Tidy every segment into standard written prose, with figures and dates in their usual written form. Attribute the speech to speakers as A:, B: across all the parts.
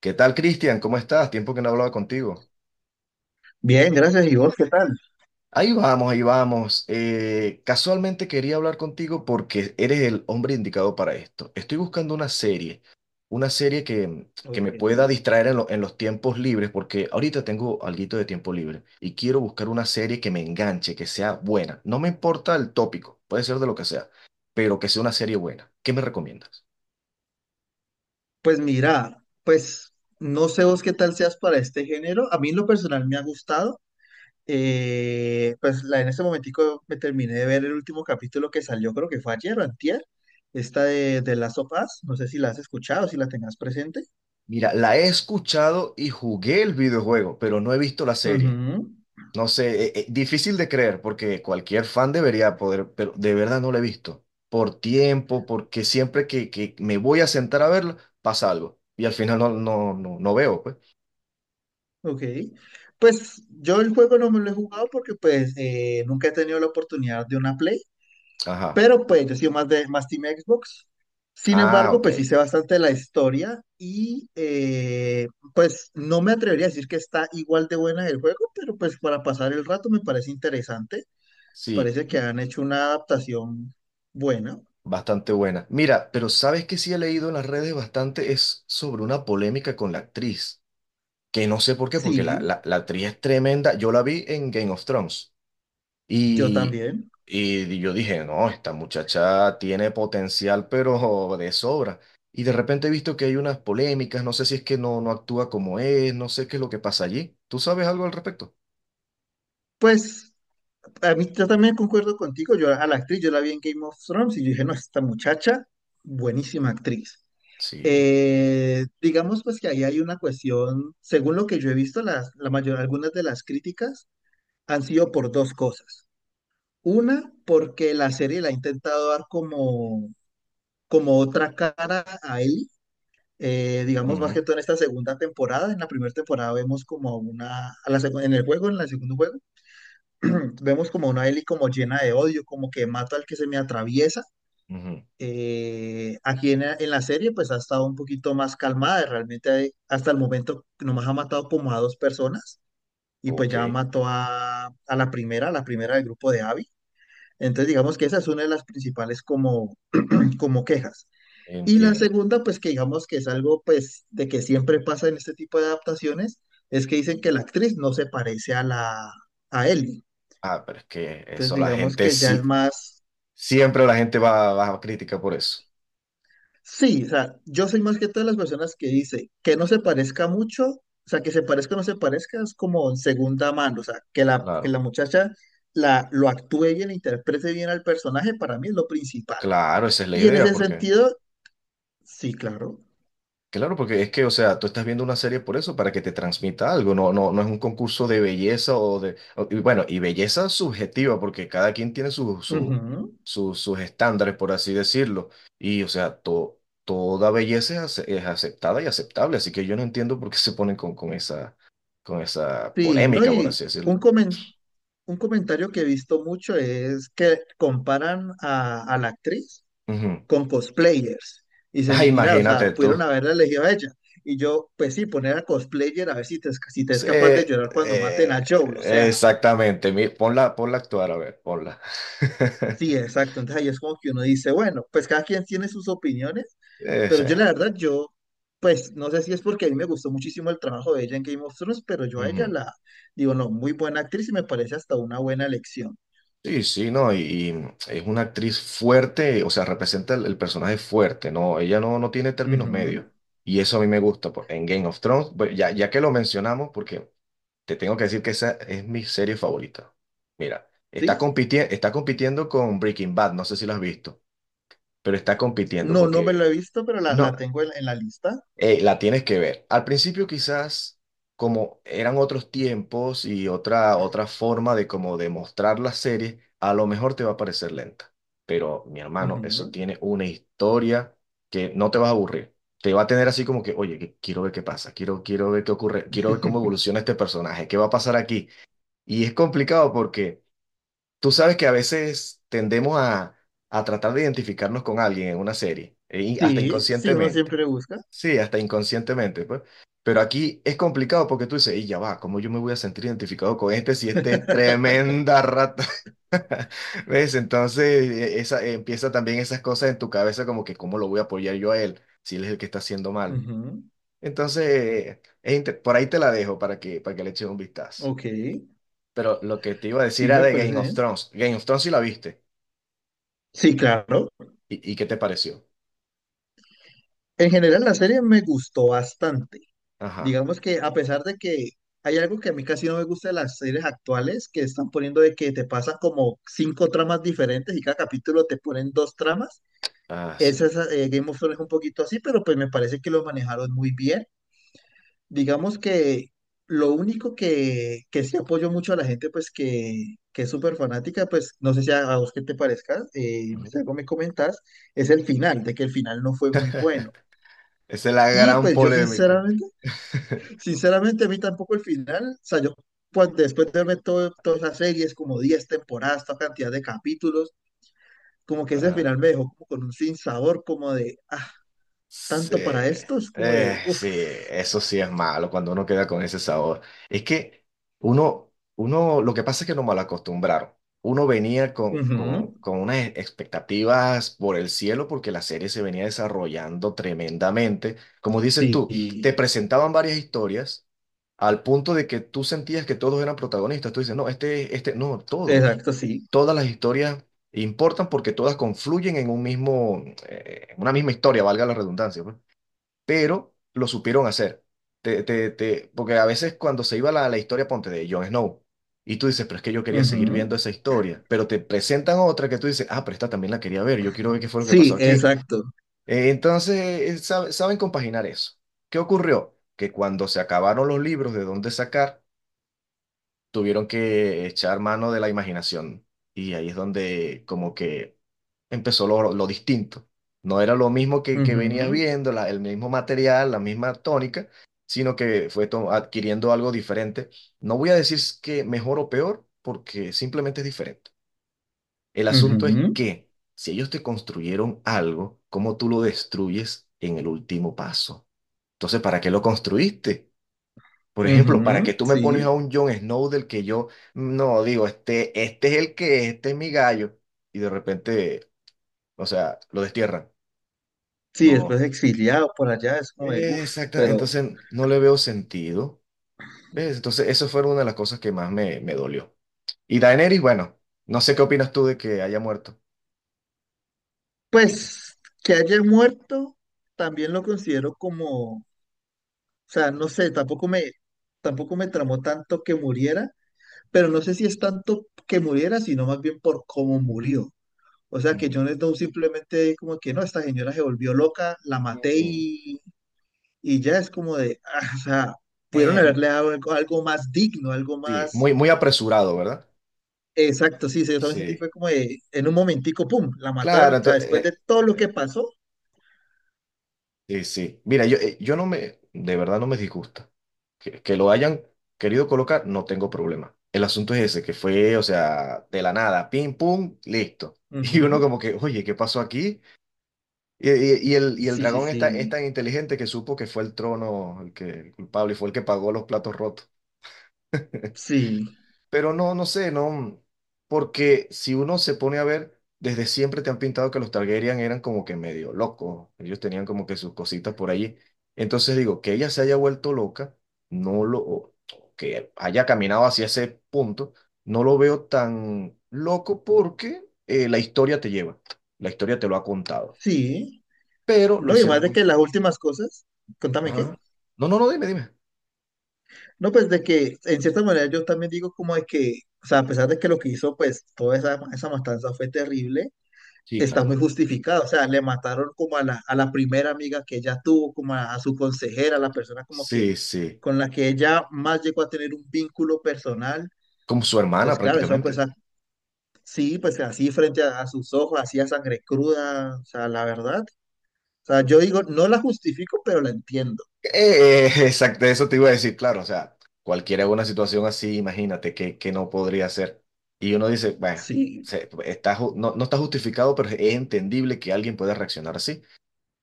A: ¿Qué tal, Cristian? ¿Cómo estás? Tiempo que no hablaba contigo.
B: Bien, gracias. ¿Y vos qué tal?
A: Ahí vamos, ahí vamos. Casualmente quería hablar contigo porque eres el hombre indicado para esto. Estoy buscando una serie que
B: Ok.
A: me pueda distraer en los tiempos libres, porque ahorita tengo alguito de tiempo libre y quiero buscar una serie que me enganche, que sea buena. No me importa el tópico, puede ser de lo que sea, pero que sea una serie buena. ¿Qué me recomiendas?
B: Pues mira, pues no sé vos qué tal seas para este género. A mí en lo personal me ha gustado. Pues en este momentico me terminé de ver el último capítulo que salió, creo que fue ayer o antier. Esta de Last of Us. No sé si la has escuchado, si la tengas presente.
A: Mira, la he escuchado y jugué el videojuego, pero no he visto la serie.
B: Ujú.
A: No sé, difícil de creer porque cualquier fan debería poder, pero de verdad no lo he visto. Por tiempo, porque siempre que me voy a sentar a verlo, pasa algo. Y al final no veo, pues.
B: Ok. Pues yo el juego no me lo he jugado porque pues nunca he tenido la oportunidad de una Play.
A: Ajá.
B: Pero pues yo he sido más de más Team Xbox. Sin
A: Ah,
B: embargo,
A: ok.
B: pues sí sé bastante de la historia y pues no me atrevería a decir que está igual de buena el juego, pero pues para pasar el rato me parece interesante.
A: Sí,
B: Parece que han hecho una adaptación buena.
A: bastante buena. Mira, pero ¿sabes que sí he leído en las redes bastante? Es sobre una polémica con la actriz. Que no sé por qué, porque la,
B: Sí,
A: la, la actriz es tremenda. Yo la vi en Game of Thrones.
B: yo
A: Y,
B: también.
A: y yo dije, no, esta muchacha tiene potencial, pero de sobra. Y de repente he visto que hay unas polémicas, no sé si es que no actúa como es, no sé qué es lo que pasa allí. ¿Tú sabes algo al respecto?
B: Pues a mí yo también concuerdo contigo. Yo a la actriz, yo la vi en Game of Thrones y yo dije, no, esta muchacha, buenísima actriz.
A: Sí.
B: Digamos pues que ahí hay una cuestión, según lo que yo he visto, algunas de las críticas han sido por dos cosas. Una, porque la serie le ha intentado dar como otra cara a Ellie, digamos más que
A: Ujú,
B: todo en esta segunda temporada. En la primera temporada vemos como a una, a la secu- en el juego, en el segundo juego, vemos como a una Ellie como llena de odio, como que mato al que se me atraviesa.
A: ujú.
B: Aquí en la serie pues ha estado un poquito más calmada, realmente hasta el momento nomás ha matado como a dos personas y pues
A: Ok,
B: ya mató a la primera del grupo de Abby. Entonces digamos que esa es una de las principales como quejas. Y la
A: entiendo.
B: segunda pues que digamos que es algo pues de que siempre pasa en este tipo de adaptaciones es que dicen que la actriz no se parece a Ellie.
A: Ah, pero es que
B: Entonces
A: eso la
B: digamos
A: gente
B: que ya es
A: sí,
B: más.
A: siempre la gente va a crítica por eso.
B: Sí, o sea, yo soy más que todas las personas que dice que no se parezca mucho, o sea, que se parezca o no se parezca es como segunda mano, o sea, que la
A: Claro.
B: muchacha lo actúe bien, interprete bien al personaje, para mí es lo principal.
A: Claro, esa es la
B: Y en
A: idea,
B: ese
A: porque
B: sentido, sí, claro.
A: claro, porque es que, o sea, tú estás viendo una serie por eso, para que te transmita algo, no es un concurso de belleza o y bueno, y belleza subjetiva, porque cada quien tiene
B: Ujú.
A: sus estándares, por así decirlo, y, o sea, toda belleza es aceptada y aceptable, así que yo no entiendo por qué se ponen con esa
B: Sí, no,
A: polémica, por
B: y
A: así decirlo.
B: un, comen- un comentario que he visto mucho es que comparan a la actriz,
A: Ujú.
B: con cosplayers. Y
A: Ah,
B: dicen, mira, o sea,
A: imagínate tú.
B: pudieron haberla elegido a ella. Y yo, pues sí, poner a cosplayer a ver si te es
A: Sí,
B: capaz de llorar cuando maten a Joel, o sea,
A: exactamente, ponla, ponla a actuar, a ver, ponla.
B: sí, exacto. Entonces ahí es como que uno dice, bueno, pues cada quien tiene sus opiniones, pero yo
A: Ese.
B: la verdad, yo, pues no sé si es porque a mí me gustó muchísimo el trabajo de ella en Game of Thrones, pero yo a ella
A: Ujú.
B: la digo, no, muy buena actriz y me parece hasta una buena elección.
A: Sí, sí, no, y es una actriz fuerte, o sea, representa el personaje fuerte, ¿no? Ella no tiene términos medios.
B: Ujú.
A: Y eso a mí me gusta, pues. En Game of Thrones, pues, ya, ya que lo mencionamos, porque te tengo que decir que esa es mi serie favorita. Mira,
B: ¿Sí?
A: está compitiendo con Breaking Bad, no sé si lo has visto, pero está compitiendo
B: No, no me lo
A: porque
B: he visto, pero la,
A: no.
B: la tengo en la lista.
A: La tienes que ver. Al principio quizás como eran otros tiempos y otra forma de como demostrar la serie, a lo mejor te va a parecer lenta. Pero mi hermano, eso
B: Ujú.
A: tiene una historia que no te vas a aburrir. Te va a tener así como que, oye, quiero ver qué pasa, quiero ver qué ocurre, quiero ver cómo evoluciona este personaje, qué va a pasar aquí. Y es complicado porque tú sabes que a veces tendemos a tratar de identificarnos con alguien en una serie, y hasta
B: Sí, sí, uno
A: inconscientemente.
B: siempre busca.
A: Sí, hasta inconscientemente, pues. Pero aquí es complicado porque tú dices, y ya va, ¿cómo yo me voy a sentir identificado con este si este es tremenda rata? ¿Ves? Entonces esa, empieza también esas cosas en tu cabeza como que, ¿cómo lo voy a apoyar yo a él si él es el que está haciendo mal?
B: Ujú,
A: Entonces, por ahí te la dejo para que le eches un vistazo.
B: ok,
A: Pero lo que te iba a decir
B: sí,
A: era
B: me
A: de
B: parece
A: Game of
B: bien.
A: Thrones. Game of Thrones sí la viste.
B: Sí, claro.
A: ¿Y qué te pareció?
B: En general, la serie me gustó bastante.
A: Ajá.
B: Digamos que a pesar de que hay algo que a mí casi no me gusta de las series actuales, que están poniendo de que te pasan como cinco tramas diferentes y cada capítulo te ponen dos tramas.
A: Ah, sí.
B: Esa es, Game of Thrones es un poquito así, pero pues me parece que lo manejaron muy bien. Digamos que lo único que sí apoyo mucho a la gente, pues que es súper fanática, pues no sé si a vos qué te parezca, si
A: Ujú.
B: algo me comentás, es el final, de que el final no fue muy bueno.
A: Esa es la
B: Y
A: gran
B: pues yo
A: polémica.
B: sinceramente, sinceramente a mí tampoco el final, o sea, yo cuando, después de verme todas las series, como 10 temporadas, toda cantidad de capítulos, como que ese
A: Ajá.
B: final me dejó como con un sinsabor, como de, ah,
A: Sí,
B: tanto para esto, es como de, uff.
A: sí, eso sí es malo cuando uno queda con ese sabor. Es que lo que pasa es que nos malacostumbraron. Uno venía con, con,
B: Ujú,
A: con unas expectativas por el cielo porque la serie se venía desarrollando tremendamente. Como dices tú, te
B: sí,
A: presentaban varias historias al punto de que tú sentías que todos eran protagonistas. Tú dices, no, no, todos.
B: exacto, sí.
A: Todas las historias importan porque todas confluyen en en una misma historia, valga la redundancia, pues. Pero lo supieron hacer. Porque a veces cuando se iba la historia, ponte de Jon Snow, y tú dices, pero es que yo quería seguir viendo
B: Ujú.
A: esa historia, pero te presentan otra que tú dices, ah, pero esta también la quería ver, yo quiero ver qué fue lo que pasó
B: Sí,
A: aquí.
B: exacto.
A: Entonces, saben compaginar eso. ¿Qué ocurrió? Que cuando se acabaron los libros de dónde sacar, tuvieron que echar mano de la imaginación. Y ahí es donde como que empezó lo distinto. No era lo mismo que venías
B: Ujú,
A: viendo, el mismo material, la misma tónica, sino que fue adquiriendo algo diferente. No voy a decir que mejor o peor, porque simplemente es diferente. El asunto es
B: ujú,
A: que si ellos te construyeron algo, ¿cómo tú lo destruyes en el último paso? Entonces, ¿para qué lo construiste? Por ejemplo, ¿para
B: ujú.
A: que tú me pones
B: Sí,
A: a un Jon Snow del que yo no digo, este es el que es, este es mi gallo? Y de repente, o sea, lo destierran.
B: sí, después
A: No.
B: exiliado por allá, es como de, uff,
A: Exacto.
B: pero
A: Entonces no le veo sentido. ¿Ves? Entonces, eso fue una de las cosas que más me dolió. Y Daenerys, bueno, no sé qué opinas tú de que haya muerto. ¿Qué te-
B: pues que haya muerto, también lo considero como, o sea, no sé, tampoco me, tramó tanto que muriera, pero no sé si es tanto que muriera, sino más bien por cómo murió. O sea, que
A: Ujú.
B: Jon Snow simplemente como que no, esta señora se volvió loca, la maté
A: Mm.
B: y ya es como de, ah, o sea, pudieron
A: Eh,
B: haberle dado algo, algo más digno, algo
A: sí,
B: más...
A: muy, muy apresurado, ¿verdad?
B: Exacto, sí, sí, yo también sentí, fue
A: Sí.
B: como de, en un momentico, pum, la mataron,
A: Claro,
B: o sea, después de
A: entonces.
B: todo lo que pasó.
A: Sí, sí. Mira, yo no me, de verdad no me disgusta. Que lo hayan querido colocar, no tengo problema. El asunto es ese, que fue, o sea, de la nada, pim, pum, listo. Y uno
B: Ujú.
A: como que, oye, ¿qué pasó aquí? Y el
B: Sí, sí,
A: dragón está, es
B: sí,
A: tan inteligente que supo que fue el trono el culpable y fue el que pagó los platos rotos.
B: sí,
A: Pero no, no sé, no, porque si uno se pone a ver, desde siempre te han pintado que los Targaryen eran como que medio locos, ellos tenían como que sus cositas por allí. Entonces digo, que ella se haya vuelto loca, no lo, o que haya caminado hacia ese punto, no lo veo tan loco porque la historia te lleva, la historia te lo ha contado,
B: sí.
A: pero lo
B: No, y además
A: hicieron
B: de
A: muy...
B: que las últimas cosas, contame qué.
A: Ajá. No, no, no, dime, dime.
B: No, pues de que, en cierta manera, yo también digo como de que, o sea, a pesar de que lo que hizo, pues, toda esa matanza fue terrible,
A: Sí,
B: está muy
A: claro.
B: justificado. O sea, le mataron como a la primera amiga que ella tuvo, como a su consejera, la persona como que
A: Sí, sí,
B: con la que ella más llegó a tener un vínculo personal.
A: como su hermana
B: Entonces, claro, eso pues
A: prácticamente.
B: sí, pues así frente a sus ojos, así a sangre cruda, o sea, la verdad. O sea, yo digo, no la justifico, pero la entiendo.
A: Exacto, eso te iba a decir, claro, o sea, cualquiera una situación así, imagínate que no podría ser. Y uno dice, bueno,
B: Sí,
A: no, no está justificado, pero es entendible que alguien pueda reaccionar así.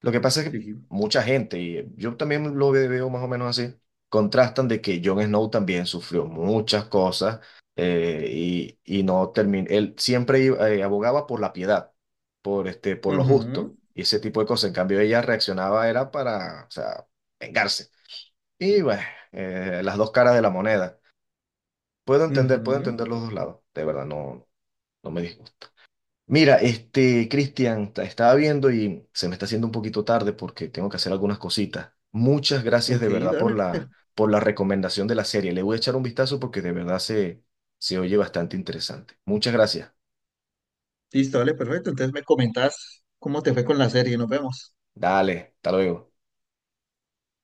A: Lo que pasa es que
B: sí.
A: mucha gente, y yo también lo veo más o menos así, contrastan de que Jon Snow también sufrió muchas cosas y no terminó, él siempre abogaba por la piedad, por lo
B: Ujú,
A: justo y ese tipo de cosas. En cambio, ella reaccionaba era para, o sea, vengarse. Y bueno, las dos caras de la moneda. Puedo
B: ujú.
A: entender los dos lados. De verdad, no me disgusta. Mira, este, Cristian, estaba viendo y se me está haciendo un poquito tarde porque tengo que hacer algunas cositas. Muchas gracias de
B: Ok,
A: verdad por
B: dale.
A: la recomendación de la serie. Le voy a echar un vistazo porque de verdad se oye bastante interesante. Muchas gracias.
B: Listo, dale, perfecto. Entonces me comentas cómo te fue con la serie. Nos vemos.
A: Dale, hasta luego.